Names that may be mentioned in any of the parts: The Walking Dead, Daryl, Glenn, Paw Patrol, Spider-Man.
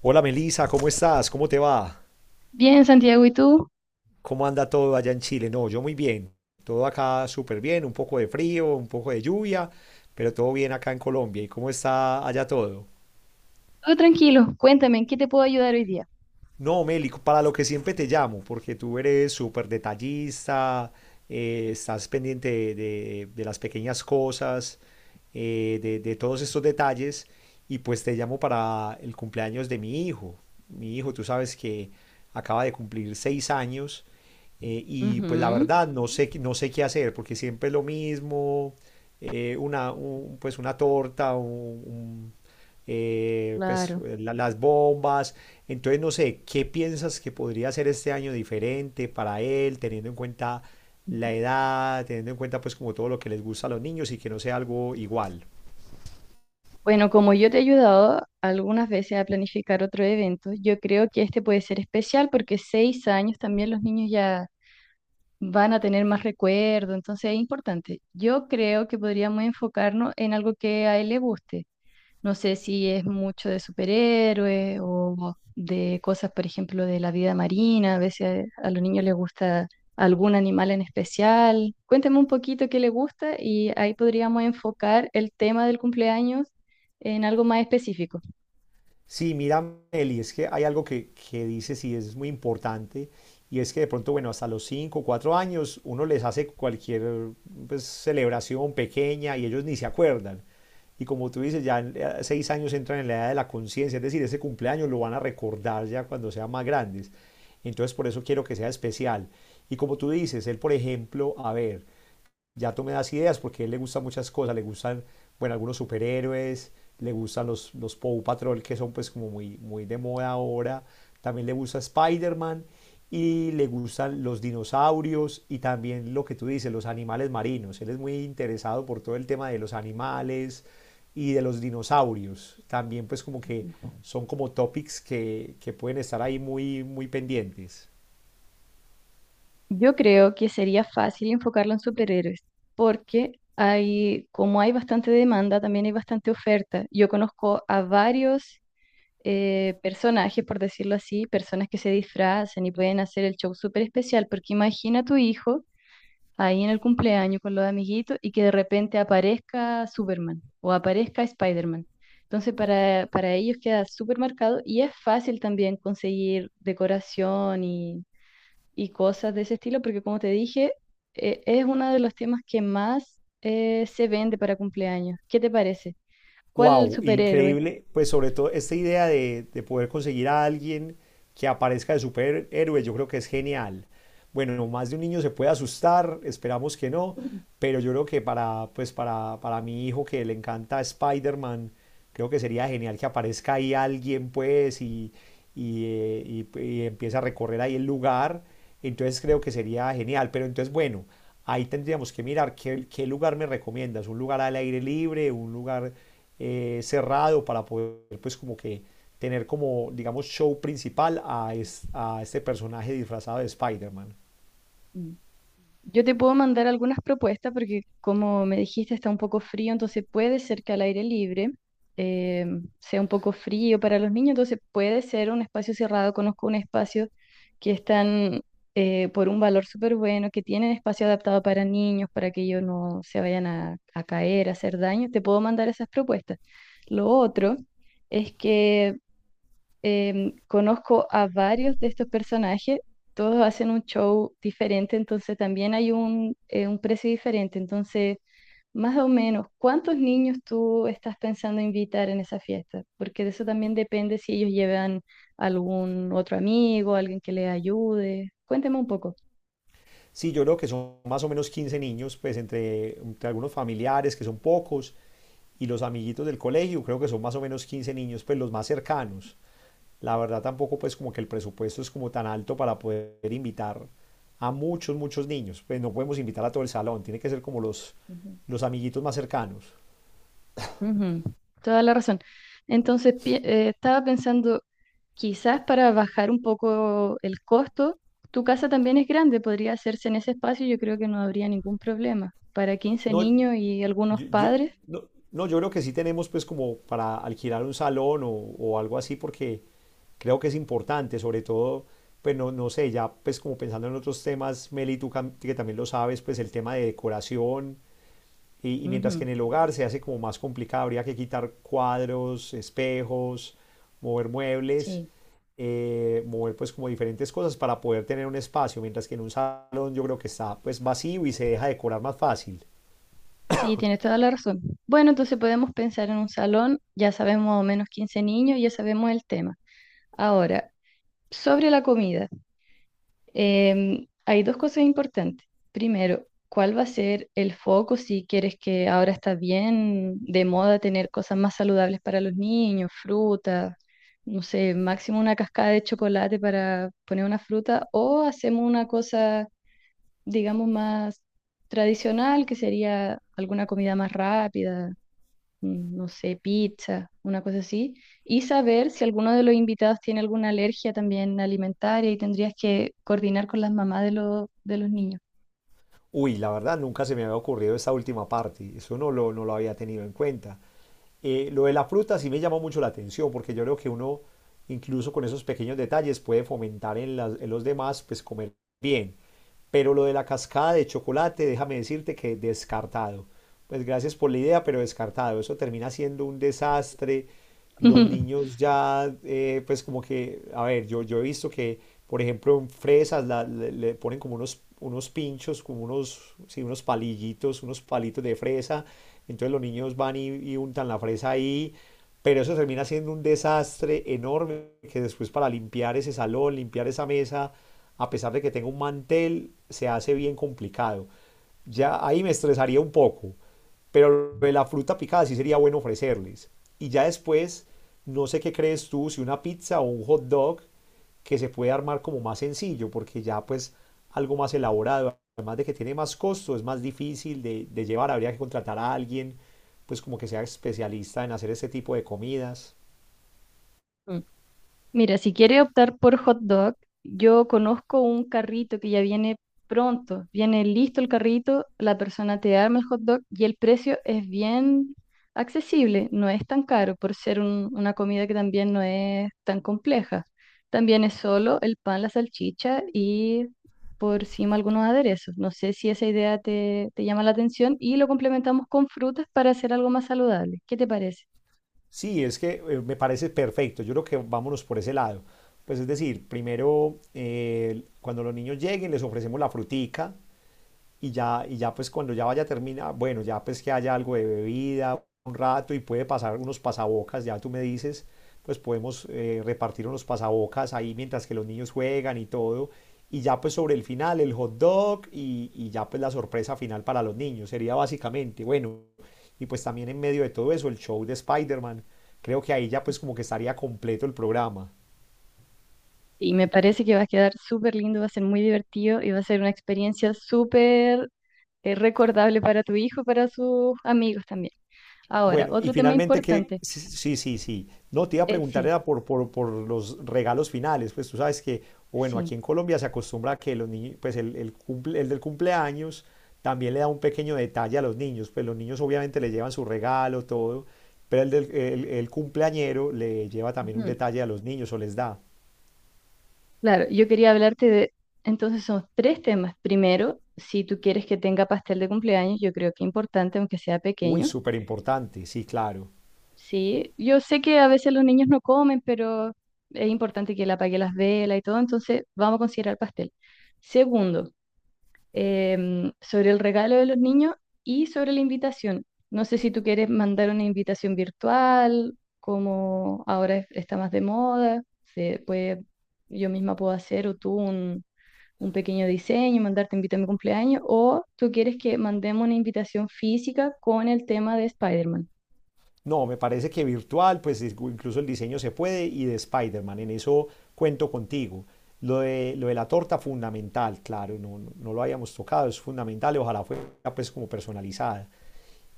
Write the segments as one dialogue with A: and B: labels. A: Hola Melisa, ¿cómo estás? ¿Cómo te va?
B: Bien, Santiago, ¿y tú?
A: ¿Cómo anda todo allá en Chile? No, yo muy bien. Todo acá súper bien, un poco de frío, un poco de lluvia, pero todo bien acá en Colombia. ¿Y cómo está allá todo?
B: Todo tranquilo, cuéntame, ¿en qué te puedo ayudar hoy día?
A: No, Mélico, para lo que siempre te llamo, porque tú eres súper detallista, estás pendiente de las pequeñas cosas, de todos estos detalles, y pues te llamo para el cumpleaños de mi hijo. Mi hijo, tú sabes que acaba de cumplir 6 años, y pues la
B: Ujú,
A: verdad no sé, no sé qué hacer, porque siempre es lo mismo, pues una torta, un- pues
B: claro.
A: las bombas. Entonces, no sé, ¿qué piensas que podría ser este año diferente para él, teniendo en cuenta la edad, teniendo en cuenta pues como todo lo que les gusta a los niños y que no sea algo igual?
B: Bueno, como yo te he ayudado algunas veces a planificar otro evento, yo creo que este puede ser especial porque 6 años también los niños ya van a tener más recuerdo, entonces es importante. Yo creo que podríamos enfocarnos en algo que a él le guste. No sé si es mucho de superhéroes o de cosas, por ejemplo, de la vida marina. A veces a los niños les gusta algún animal en especial. Cuéntame un poquito qué les gusta y ahí podríamos enfocar el tema del cumpleaños en algo más específico.
A: Sí, mira, Meli, es que hay algo que dices y es muy importante, y es que de pronto, bueno, hasta los 5 o 4 años uno les hace cualquier pues, celebración pequeña y ellos ni se acuerdan. Y como tú dices, ya a 6 años entran en la edad de la conciencia, es decir, ese cumpleaños lo van a recordar ya cuando sean más grandes. Entonces, por eso quiero que sea especial. Y como tú dices, él, por ejemplo, a ver, ya tú me das ideas porque a él le gustan muchas cosas, le gustan, bueno, algunos superhéroes, le gustan los Paw Patrol que son pues como muy, muy de moda ahora, también le gusta Spider-Man y le gustan los dinosaurios y también lo que tú dices, los animales marinos. Él es muy interesado por todo el tema de los animales y de los dinosaurios. También pues como que son como topics que pueden estar ahí muy, muy pendientes.
B: Yo creo que sería fácil enfocarlo en superhéroes, porque hay, como hay bastante demanda, también hay bastante oferta. Yo conozco a varios personajes, por decirlo así, personas que se disfrazan y pueden hacer el show súper especial, porque imagina a tu hijo ahí en el cumpleaños con los amiguitos y que de repente aparezca Superman o aparezca Spider-Man. Entonces para ellos queda súper marcado y es fácil también conseguir decoración y cosas de ese estilo, porque como te dije, es uno de los temas que más se vende para cumpleaños. ¿Qué te parece? ¿Cuál
A: Wow,
B: superhéroe?
A: increíble. Pues sobre todo esta idea de poder conseguir a alguien que aparezca de superhéroe, yo creo que es genial. Bueno, más de un niño se puede asustar, esperamos que no, pero yo creo que para mi hijo que le encanta Spider-Man, creo que sería genial que aparezca ahí alguien, pues, y empieza a recorrer ahí el lugar. Entonces creo que sería genial. Pero entonces, bueno, ahí tendríamos que mirar qué lugar me recomiendas. Un lugar al aire libre, un lugar cerrado para poder, pues, como que tener como, digamos, show principal a este personaje disfrazado de Spider-Man.
B: Yo te puedo mandar algunas propuestas porque como me dijiste está un poco frío, entonces puede ser que al aire libre eh, sea un poco frío para los niños, entonces puede ser un espacio cerrado. Conozco un espacio que están por un valor súper bueno, que tienen espacio adaptado para niños, para que ellos no se vayan a caer, a hacer daño. Te puedo mandar esas propuestas. Lo otro es que conozco a varios de estos personajes, todos hacen un show diferente, entonces también hay un precio diferente. Entonces, más o menos, ¿cuántos niños tú estás pensando invitar en esa fiesta? Porque de eso también depende si ellos llevan algún otro amigo, alguien que les ayude. Cuénteme un poco.
A: Sí, yo creo que son más o menos 15 niños, pues entre algunos familiares, que son pocos, y los amiguitos del colegio, creo que son más o menos 15 niños, pues los más cercanos. La verdad tampoco pues como que el presupuesto es como tan alto para poder invitar a muchos, muchos niños. Pues no podemos invitar a todo el salón, tiene que ser como los,
B: Ujú.
A: los amiguitos más cercanos.
B: Ujú, toda la razón. Entonces, estaba pensando, quizás para bajar un poco el costo, tu casa también es grande, podría hacerse en ese espacio, yo creo que no habría ningún problema. Para 15
A: No,
B: niños y algunos
A: yo, yo-
B: padres,
A: no, no, yo creo que sí tenemos pues como para alquilar un salón o algo así porque creo que es importante, sobre todo, pues no, no sé, ya pues como pensando en otros temas, Meli, tú que también lo sabes, pues el tema de decoración. Y mientras que
B: ujú,
A: en el hogar se hace como más complicado, habría que quitar cuadros, espejos, mover muebles,
B: sí,
A: mover pues como diferentes cosas para poder tener un espacio, mientras que en un salón yo creo que está pues vacío y se deja decorar más fácil.
B: sí, tienes toda la razón. Bueno, entonces podemos pensar en un salón, ya sabemos más o menos 15 niños, ya sabemos el tema. Ahora, sobre la comida. Hay dos cosas importantes. Primero, ¿cuál va a ser el foco si quieres que ahora está bien de moda tener cosas más saludables para los niños, frutas, no sé, máximo una cascada de chocolate para poner una fruta o hacemos una cosa, digamos, más tradicional que sería alguna comida más rápida? No sé, pizza, una cosa así, y saber si alguno de los invitados tiene alguna alergia también alimentaria y tendrías que coordinar con las mamás de de los niños.
A: Uy, la verdad nunca se me había ocurrido esta última parte, eso no lo había tenido en cuenta. Lo de la fruta sí me llamó mucho la atención porque yo creo que uno incluso con esos pequeños detalles puede fomentar en los demás pues comer bien. Pero lo de la cascada de chocolate, déjame decirte que descartado. Pues gracias por la idea, pero descartado. Eso termina siendo un desastre. Los niños ya, pues como que, a ver, yo he visto que, por ejemplo, en fresas le ponen como unos pinchos, como unos, sí, unos palillitos, unos palitos de fresa. Entonces los niños van y untan la fresa ahí. Pero eso termina siendo un desastre enorme que después para limpiar ese salón, limpiar esa mesa, a pesar de que tenga un mantel, se hace bien complicado. Ya ahí me estresaría un poco, pero la fruta picada sí sería bueno ofrecerles. Y ya después, no sé qué crees tú, si una pizza o un hot dog que se puede armar como más sencillo, porque ya pues algo más elaborado, además de que tiene más costo, es más difícil de llevar, habría que contratar a alguien, pues como que sea especialista en hacer este tipo de comidas.
B: Mira, si quiere optar por hot dog, yo conozco un carrito que ya viene pronto, viene listo el carrito, la persona te arma el hot dog y el precio es bien accesible, no es tan caro por ser una comida que también no es tan compleja. También es solo el pan, la salchicha y por encima algunos aderezos. No sé si esa idea te llama la atención y lo complementamos con frutas para hacer algo más saludable. ¿Qué te parece?
A: Sí, es que me parece perfecto. Yo creo que vámonos por ese lado. Pues es decir, primero, cuando los niños lleguen, les ofrecemos la frutica, y ya pues cuando ya vaya termina, bueno, ya pues que haya algo de bebida, un rato y puede pasar unos pasabocas, ya tú me dices, pues podemos repartir unos pasabocas ahí mientras que los niños juegan y todo. Y ya pues sobre el final el hot dog y ya pues la sorpresa final para los niños. Sería básicamente, bueno, y pues también en medio de todo eso el show de Spider-Man. Creo que ahí ya pues como que estaría completo el programa.
B: Sí, me parece que va a quedar súper lindo, va a ser muy divertido y va a ser una experiencia súper recordable para tu hijo y para sus amigos también. Ahora,
A: Bueno, y
B: otro tema
A: finalmente que,
B: importante.
A: sí, sí, sí, sí. No, te iba a
B: Eh,
A: preguntar
B: sí,
A: era por los regalos finales, pues tú sabes que, bueno, aquí
B: sí.
A: en Colombia se acostumbra a que los niños, pues el del cumpleaños también le da un pequeño detalle a los niños, pues los niños obviamente le llevan su regalo, todo, pero el cumpleañero le lleva también un
B: Ujú.
A: detalle a los niños o les da.
B: Claro, yo quería hablarte de, entonces son tres temas. Primero, si tú quieres que tenga pastel de cumpleaños, yo creo que es importante, aunque sea
A: Uy,
B: pequeño.
A: súper importante, sí, claro.
B: Sí, yo sé que a veces los niños no comen, pero es importante que él apague las velas y todo, entonces vamos a considerar pastel. Segundo, sobre el regalo de los niños y sobre la invitación. No sé si tú quieres mandar una invitación virtual, como ahora está más de moda, se puede, yo misma puedo hacer o tú un pequeño diseño, mandarte invita a mi cumpleaños, o tú quieres que mandemos una invitación física con el tema de Spider-Man.
A: No, me parece que virtual, pues incluso el diseño se puede y de Spider-Man, en eso cuento contigo. Lo de la torta, fundamental, claro, no lo habíamos tocado, es fundamental, y ojalá fuera pues como personalizada.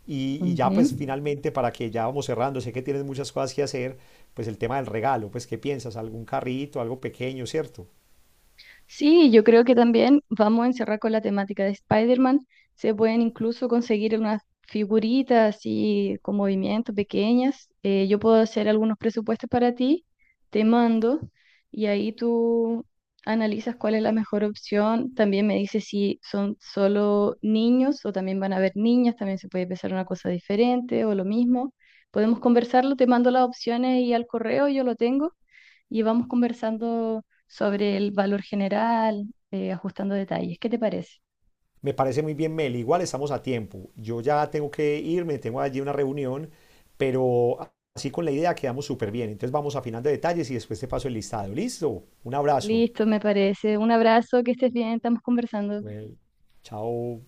A: Y ya pues
B: Ujú.
A: finalmente, para que ya vamos cerrando, sé que tienes muchas cosas que hacer, pues el tema del regalo, pues ¿qué piensas? ¿Algún carrito, algo pequeño, cierto?
B: Sí, yo creo que también vamos a encerrar con la temática de Spider-Man. Se pueden incluso conseguir unas figuritas así con movimientos pequeñas. Yo puedo hacer algunos presupuestos para ti, te mando y ahí tú analizas cuál es la mejor opción. También me dices si son solo niños o también van a haber niñas, también se puede pensar una cosa diferente o lo mismo. Podemos conversarlo, te mando las opciones y al correo yo lo tengo y vamos conversando sobre el valor general, ajustando detalles. ¿Qué te parece?
A: Me parece muy bien, Mel. Igual estamos a tiempo. Yo ya tengo que irme, tengo allí una reunión, pero así con la idea quedamos súper bien. Entonces vamos afinando detalles y después te paso el listado. ¿Listo? Un abrazo.
B: Listo, me parece. Un abrazo, que estés bien, estamos conversando.
A: Bueno, chao.